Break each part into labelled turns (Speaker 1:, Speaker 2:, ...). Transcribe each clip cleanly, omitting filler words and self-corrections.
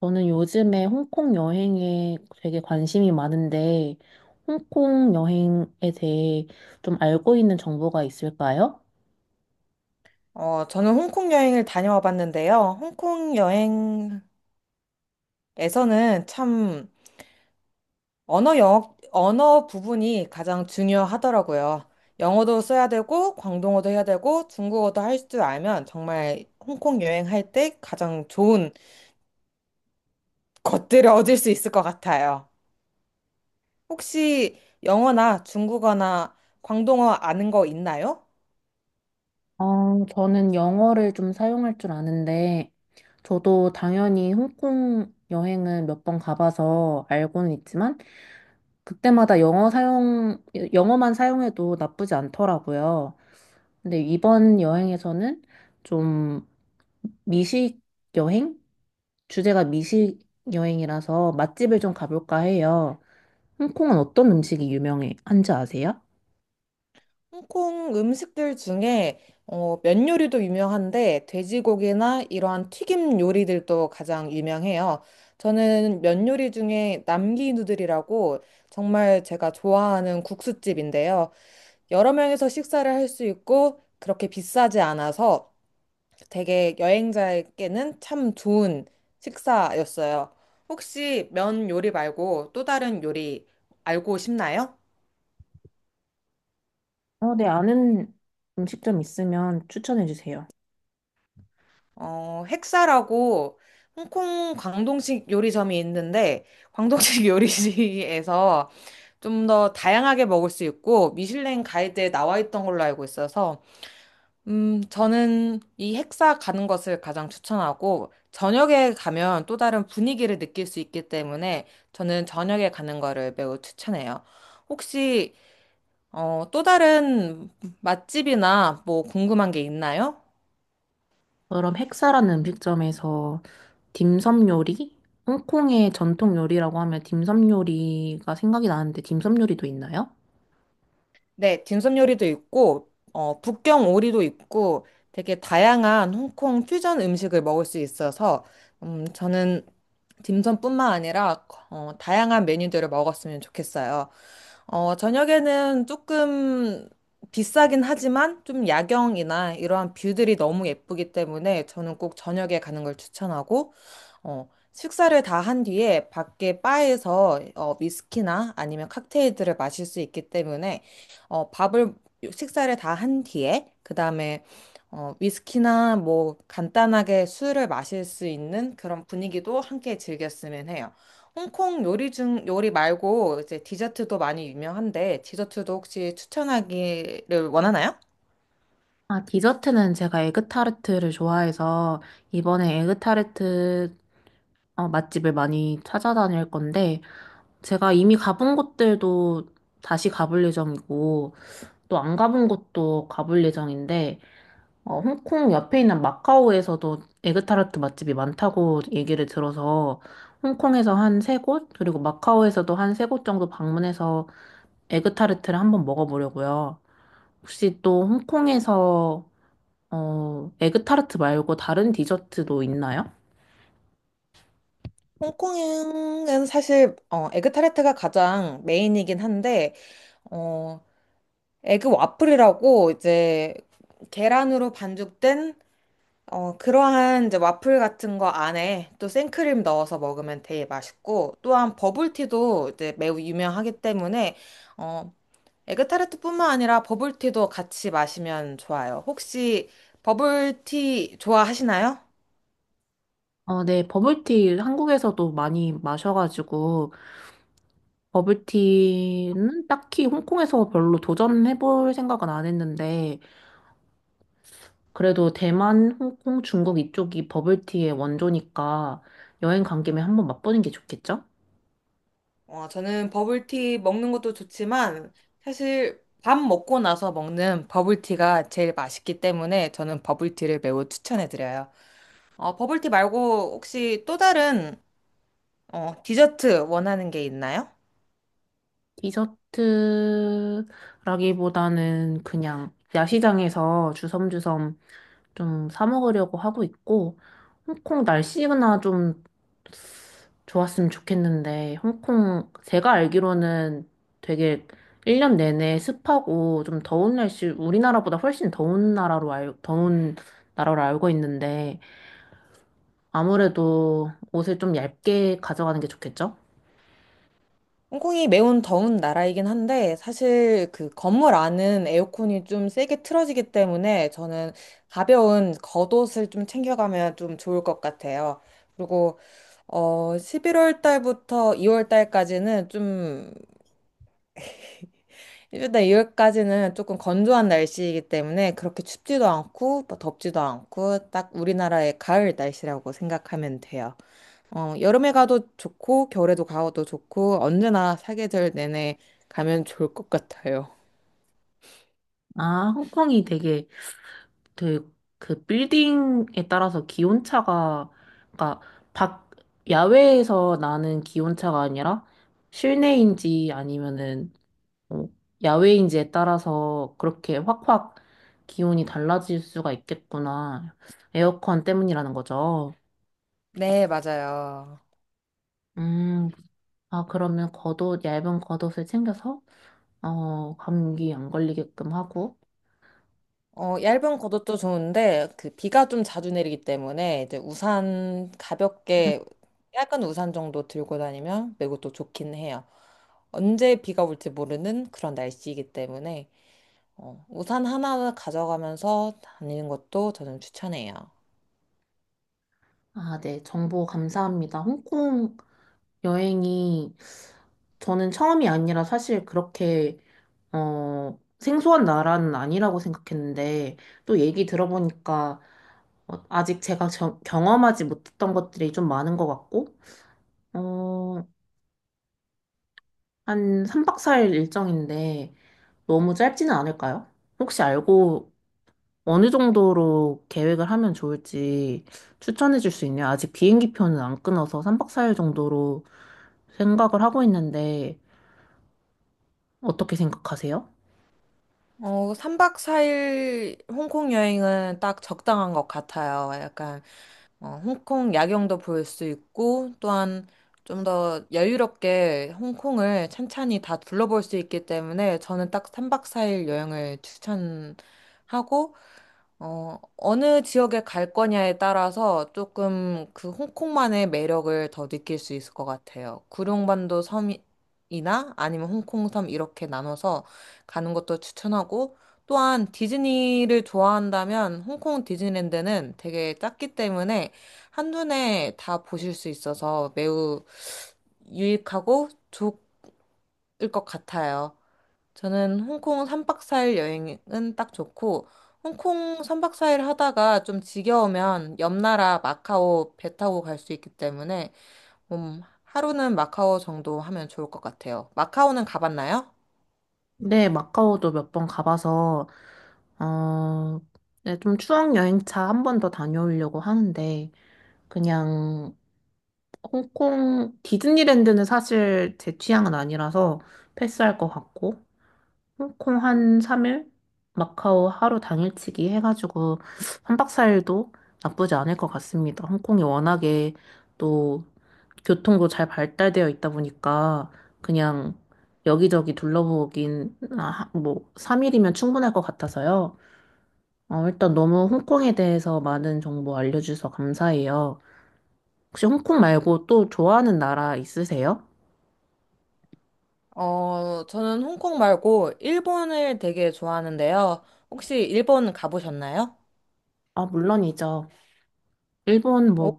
Speaker 1: 저는 요즘에 홍콩 여행에 되게 관심이 많은데, 홍콩 여행에 대해 좀 알고 있는 정보가 있을까요?
Speaker 2: 저는 홍콩 여행을 다녀와 봤는데요. 홍콩 여행에서는 참 언어 부분이 가장 중요하더라고요. 영어도 써야 되고, 광동어도 해야 되고, 중국어도 할 줄 알면 정말 홍콩 여행할 때 가장 좋은 것들을 얻을 수 있을 것 같아요. 혹시 영어나 중국어나 광동어 아는 거 있나요?
Speaker 1: 저는 영어를 좀 사용할 줄 아는데, 저도 당연히 홍콩 여행은 몇 번 가봐서 알고는 있지만, 그때마다 영어만 사용해도 나쁘지 않더라고요. 근데 이번 여행에서는 좀 미식 여행? 주제가 미식 여행이라서 맛집을 좀 가볼까 해요. 홍콩은 어떤 음식이 유명한지 아세요?
Speaker 2: 홍콩 음식들 중에 면 요리도 유명한데 돼지고기나 이러한 튀김 요리들도 가장 유명해요. 저는 면 요리 중에 남기 누들이라고 정말 제가 좋아하는 국수집인데요. 여러 명이서 식사를 할 수 있고 그렇게 비싸지 않아서 되게 여행자에게는 참 좋은 식사였어요. 혹시 면 요리 말고 또 다른 요리 알고 싶나요?
Speaker 1: 어, 네, 아는 음식점 있으면 추천해 주세요.
Speaker 2: 핵사라고 홍콩 광동식 요리점이 있는데, 광동식 요리시에서 좀 더 다양하게 먹을 수 있고, 미슐랭 가이드에 나와 있던 걸로 알고 있어서, 저는 이 핵사 가는 것을 가장 추천하고, 저녁에 가면 또 다른 분위기를 느낄 수 있기 때문에, 저는 저녁에 가는 거를 매우 추천해요. 혹시, 또 다른 맛집이나 뭐 궁금한 게 있나요?
Speaker 1: 그럼 핵사라는 음식점에서 딤섬 요리? 홍콩의 전통 요리라고 하면 딤섬 요리가 생각이 나는데 딤섬 요리도 있나요?
Speaker 2: 네, 딤섬 요리도 있고, 북경 오리도 있고, 되게 다양한 홍콩 퓨전 음식을 먹을 수 있어서, 저는 딤섬뿐만 아니라, 다양한 메뉴들을 먹었으면 좋겠어요. 어, 저녁에는 조금 비싸긴 하지만, 좀 야경이나 이러한 뷰들이 너무 예쁘기 때문에, 저는 꼭 저녁에 가는 걸 추천하고, 어, 식사를 다 한 뒤에 밖에 바에서 위스키나 아니면 칵테일들을 마실 수 있기 때문에 어, 밥을 식사를 다 한 뒤에 그다음에 위스키나 뭐 간단하게 술을 마실 수 있는 그런 분위기도 함께 즐겼으면 해요. 홍콩 요리 중 요리 말고 이제 디저트도 많이 유명한데 디저트도 혹시 추천하기를 원하나요?
Speaker 1: 아, 디저트는 제가 에그타르트를 좋아해서 이번에 에그타르트 맛집을 많이 찾아다닐 건데 제가 이미 가본 곳들도 다시 가볼 예정이고, 또 안 가본 곳도 가볼 예정인데, 홍콩 옆에 있는 마카오에서도 에그타르트 맛집이 많다고 얘기를 들어서, 홍콩에서 한 세 곳, 그리고 마카오에서도 한 세 곳 정도 방문해서 에그타르트를 한번 먹어보려고요. 혹시 또 홍콩에서, 에그타르트 말고 다른 디저트도 있나요?
Speaker 2: 홍콩은 사실 에그타르트가 가장 메인이긴 한데 어, 에그 와플이라고 이제 계란으로 반죽된 그러한 이제 와플 같은 거 안에 또 생크림 넣어서 먹으면 되게 맛있고 또한 버블티도 이제 매우 유명하기 때문에 어, 에그타르트뿐만 아니라 버블티도 같이 마시면 좋아요. 혹시 버블티 좋아하시나요?
Speaker 1: 어, 네, 버블티 한국에서도 많이 마셔가지고, 버블티는 딱히 홍콩에서 별로 도전해볼 생각은 안 했는데, 그래도 대만, 홍콩, 중국 이쪽이 버블티의 원조니까 여행 간 김에 한번 맛보는 게 좋겠죠?
Speaker 2: 저는 버블티 먹는 것도 좋지만 사실 밥 먹고 나서 먹는 버블티가 제일 맛있기 때문에 저는 버블티를 매우 추천해드려요. 어, 버블티 말고 혹시 또 다른 디저트 원하는 게 있나요?
Speaker 1: 디저트라기보다는 그냥 야시장에서 주섬주섬 좀 사 먹으려고 하고 있고, 홍콩 날씨나 좀 좋았으면 좋겠는데, 홍콩, 제가 알기로는 되게 1년 내내 습하고 좀 더운 날씨, 우리나라보다 훨씬 더운 더운 나라로 알고 있는데, 아무래도 옷을 좀 얇게 가져가는 게 좋겠죠?
Speaker 2: 홍콩이 매운 더운 나라이긴 한데 사실 그 건물 안은 에어컨이 좀 세게 틀어지기 때문에 저는 가벼운 겉옷을 좀 챙겨가면 좀 좋을 것 같아요. 그리고 어 11월 달부터 2월 달까지는 좀 일단 2월까지는 조금 건조한 날씨이기 때문에 그렇게 춥지도 않고 뭐 덥지도 않고 딱 우리나라의 가을 날씨라고 생각하면 돼요. 어, 여름에 가도 좋고, 겨울에도 가도 좋고, 언제나 사계절 내내 가면 좋을 것 같아요.
Speaker 1: 아, 홍콩이 되게 그, 그 빌딩에 따라서 기온차가, 그러니까 밖, 야외에서 나는 기온차가 아니라 실내인지 아니면은 어, 야외인지에 따라서 그렇게 확확 기온이 달라질 수가 있겠구나. 에어컨 때문이라는 거죠.
Speaker 2: 네, 맞아요.
Speaker 1: 음, 아, 그러면 겉옷, 얇은 겉옷을 챙겨서, 감기 안 걸리게끔 하고.
Speaker 2: 어, 얇은 겉옷도 좋은데, 그 비가 좀 자주 내리기 때문에, 이제 우산 가볍게, 약간 우산 정도 들고 다니면 매우 또 좋긴 해요. 언제 비가 올지 모르는 그런 날씨이기 때문에, 우산 하나 가져가면서 다니는 것도 저는 추천해요.
Speaker 1: 아, 네, 정보 감사합니다. 홍콩 여행이 저는 처음이 아니라 사실 그렇게 생소한 나라는 아니라고 생각했는데, 또 얘기 들어보니까, 아직 제가 경험하지 못했던 것들이 좀 많은 것 같고, 어, 한 3박 4일 일정인데, 너무 짧지는 않을까요? 혹시 알고 어느 정도로 계획을 하면 좋을지 추천해 줄 수 있나요? 아직 비행기 표는 안 끊어서 3박 4일 정도로 생각을 하고 있는데, 어떻게 생각하세요?
Speaker 2: 3박 4일 홍콩 여행은 딱 적당한 것 같아요. 홍콩 야경도 볼 수 있고, 또한 좀 더 여유롭게 홍콩을 찬찬히 다 둘러볼 수 있기 때문에 저는 딱 3박 4일 여행을 추천하고, 어느 지역에 갈 거냐에 따라서 조금 그 홍콩만의 매력을 더 느낄 수 있을 것 같아요. 구룡반도 섬이나 아니면 홍콩섬 이렇게 나눠서 가는 것도 추천하고 또한 디즈니를 좋아한다면 홍콩 디즈니랜드는 되게 작기 때문에 한눈에 다 보실 수 있어서 매우 유익하고 좋을 것 같아요. 저는 홍콩 3박 4일 여행은 딱 좋고, 홍콩 3박 4일 하다가 좀 지겨우면 옆 나라 마카오 배 타고 갈 수 있기 때문에, 하루는 마카오 정도 하면 좋을 것 같아요. 마카오는 가봤나요?
Speaker 1: 네, 마카오도 몇 번 가봐서, 어, 네, 좀 추억 여행차 한 번 더 다녀오려고 하는데, 그냥 홍콩, 디즈니랜드는 사실 제 취향은 아니라서 패스할 것 같고, 홍콩 한 3일? 마카오 하루 당일치기 해가지고 한박사일도 나쁘지 않을 것 같습니다. 홍콩이 워낙에 또 교통도 잘 발달되어 있다 보니까 그냥 여기저기 둘러보긴 아, 뭐 3일이면 충분할 것 같아서요. 일단 너무 홍콩에 대해서 많은 정보 알려주셔서 감사해요. 혹시 홍콩 말고 또 좋아하는 나라 있으세요?
Speaker 2: 저는 홍콩 말고 일본을 되게 좋아하는데요. 혹시 일본 가보셨나요?
Speaker 1: 아, 물론이죠. 일본
Speaker 2: 어,
Speaker 1: 뭐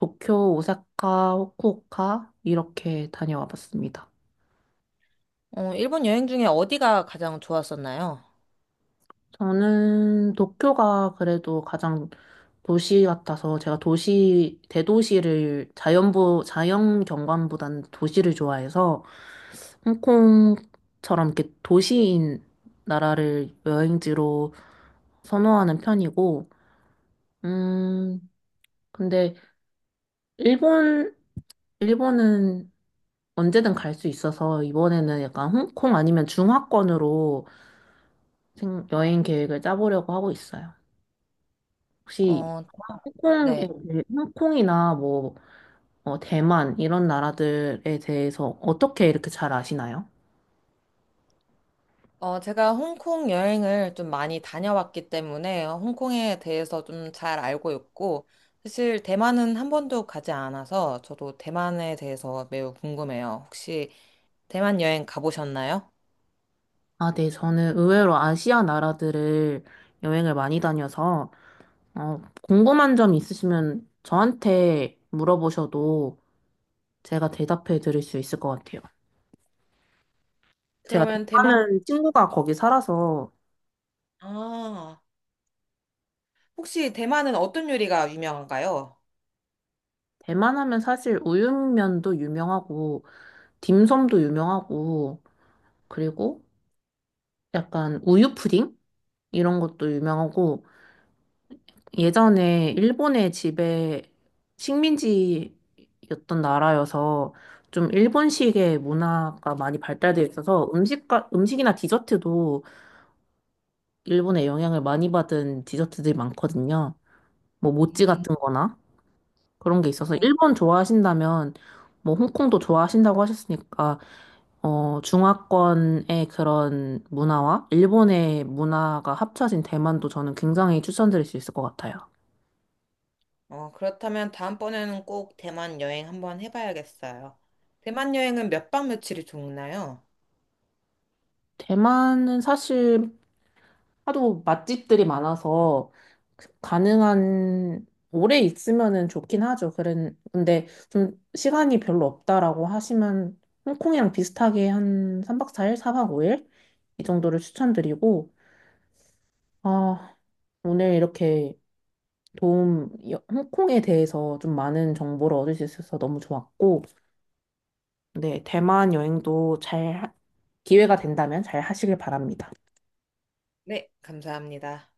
Speaker 1: 도쿄, 오사카, 후쿠오카 이렇게 다녀와 봤습니다.
Speaker 2: 일본 여행 중에 어디가 가장 좋았었나요?
Speaker 1: 저는 도쿄가 그래도 가장 도시 같아서 제가 대도시를 자연 경관보다는 도시를 좋아해서 홍콩처럼 이렇게 도시인 나라를 여행지로 선호하는 편이고, 음, 근데 일본, 일본은 언제든 갈 수 있어서 이번에는 약간 홍콩 아니면 중화권으로 여행 계획을 짜보려고 하고 있어요. 혹시
Speaker 2: 어,
Speaker 1: 홍콩에,
Speaker 2: 네.
Speaker 1: 홍콩이나 뭐 대만 이런 나라들에 대해서 어떻게 이렇게 잘 아시나요?
Speaker 2: 제가 홍콩 여행을 좀 많이 다녀왔기 때문에 홍콩에 대해서 좀 잘 알고 있고, 사실 대만은 한 번도 가지 않아서 저도 대만에 대해서 매우 궁금해요. 혹시 대만 여행 가보셨나요?
Speaker 1: 아, 네, 저는 의외로 아시아 나라들을 여행을 많이 다녀서 궁금한 점 있으시면 저한테 물어보셔도 제가 대답해 드릴 수 있을 것 같아요. 제가
Speaker 2: 그러면 대만,
Speaker 1: 대만은 친구가 거기 살아서
Speaker 2: 아, 혹시 대만은 어떤 요리가 유명한가요?
Speaker 1: 대만 하면 사실 우육면도 유명하고 딤섬도 유명하고 그리고 약간 우유 푸딩? 이런 것도 유명하고 예전에 일본의 집에 식민지였던 나라여서 좀 일본식의 문화가 많이 발달되어 있어서 음식이나 디저트도 일본의 영향을 많이 받은 디저트들이 많거든요. 뭐 모찌
Speaker 2: 음,
Speaker 1: 같은 거나. 그런 게 있어서
Speaker 2: 음,
Speaker 1: 일본 좋아하신다면 뭐 홍콩도 좋아하신다고 하셨으니까 중화권의 그런 문화와 일본의 문화가 합쳐진 대만도 저는 굉장히 추천드릴 수 있을 것 같아요.
Speaker 2: 그렇다면 다음번에는 꼭 대만 여행 한번 해봐야겠어요. 대만 여행은 몇 박 며칠이 좋나요?
Speaker 1: 대만은 사실 하도 맛집들이 많아서 가능한 오래 있으면은 좋긴 하죠. 그런 근데 좀 시간이 별로 없다라고 하시면 홍콩이랑 비슷하게 한 3박 4일, 4박 5일 이 정도를 추천드리고 아, 오늘 이렇게 홍콩에 대해서 좀 많은 정보를 얻을 수 있어서 너무 좋았고, 네, 대만 여행도 기회가 된다면 잘 하시길 바랍니다.
Speaker 2: 네, 감사합니다.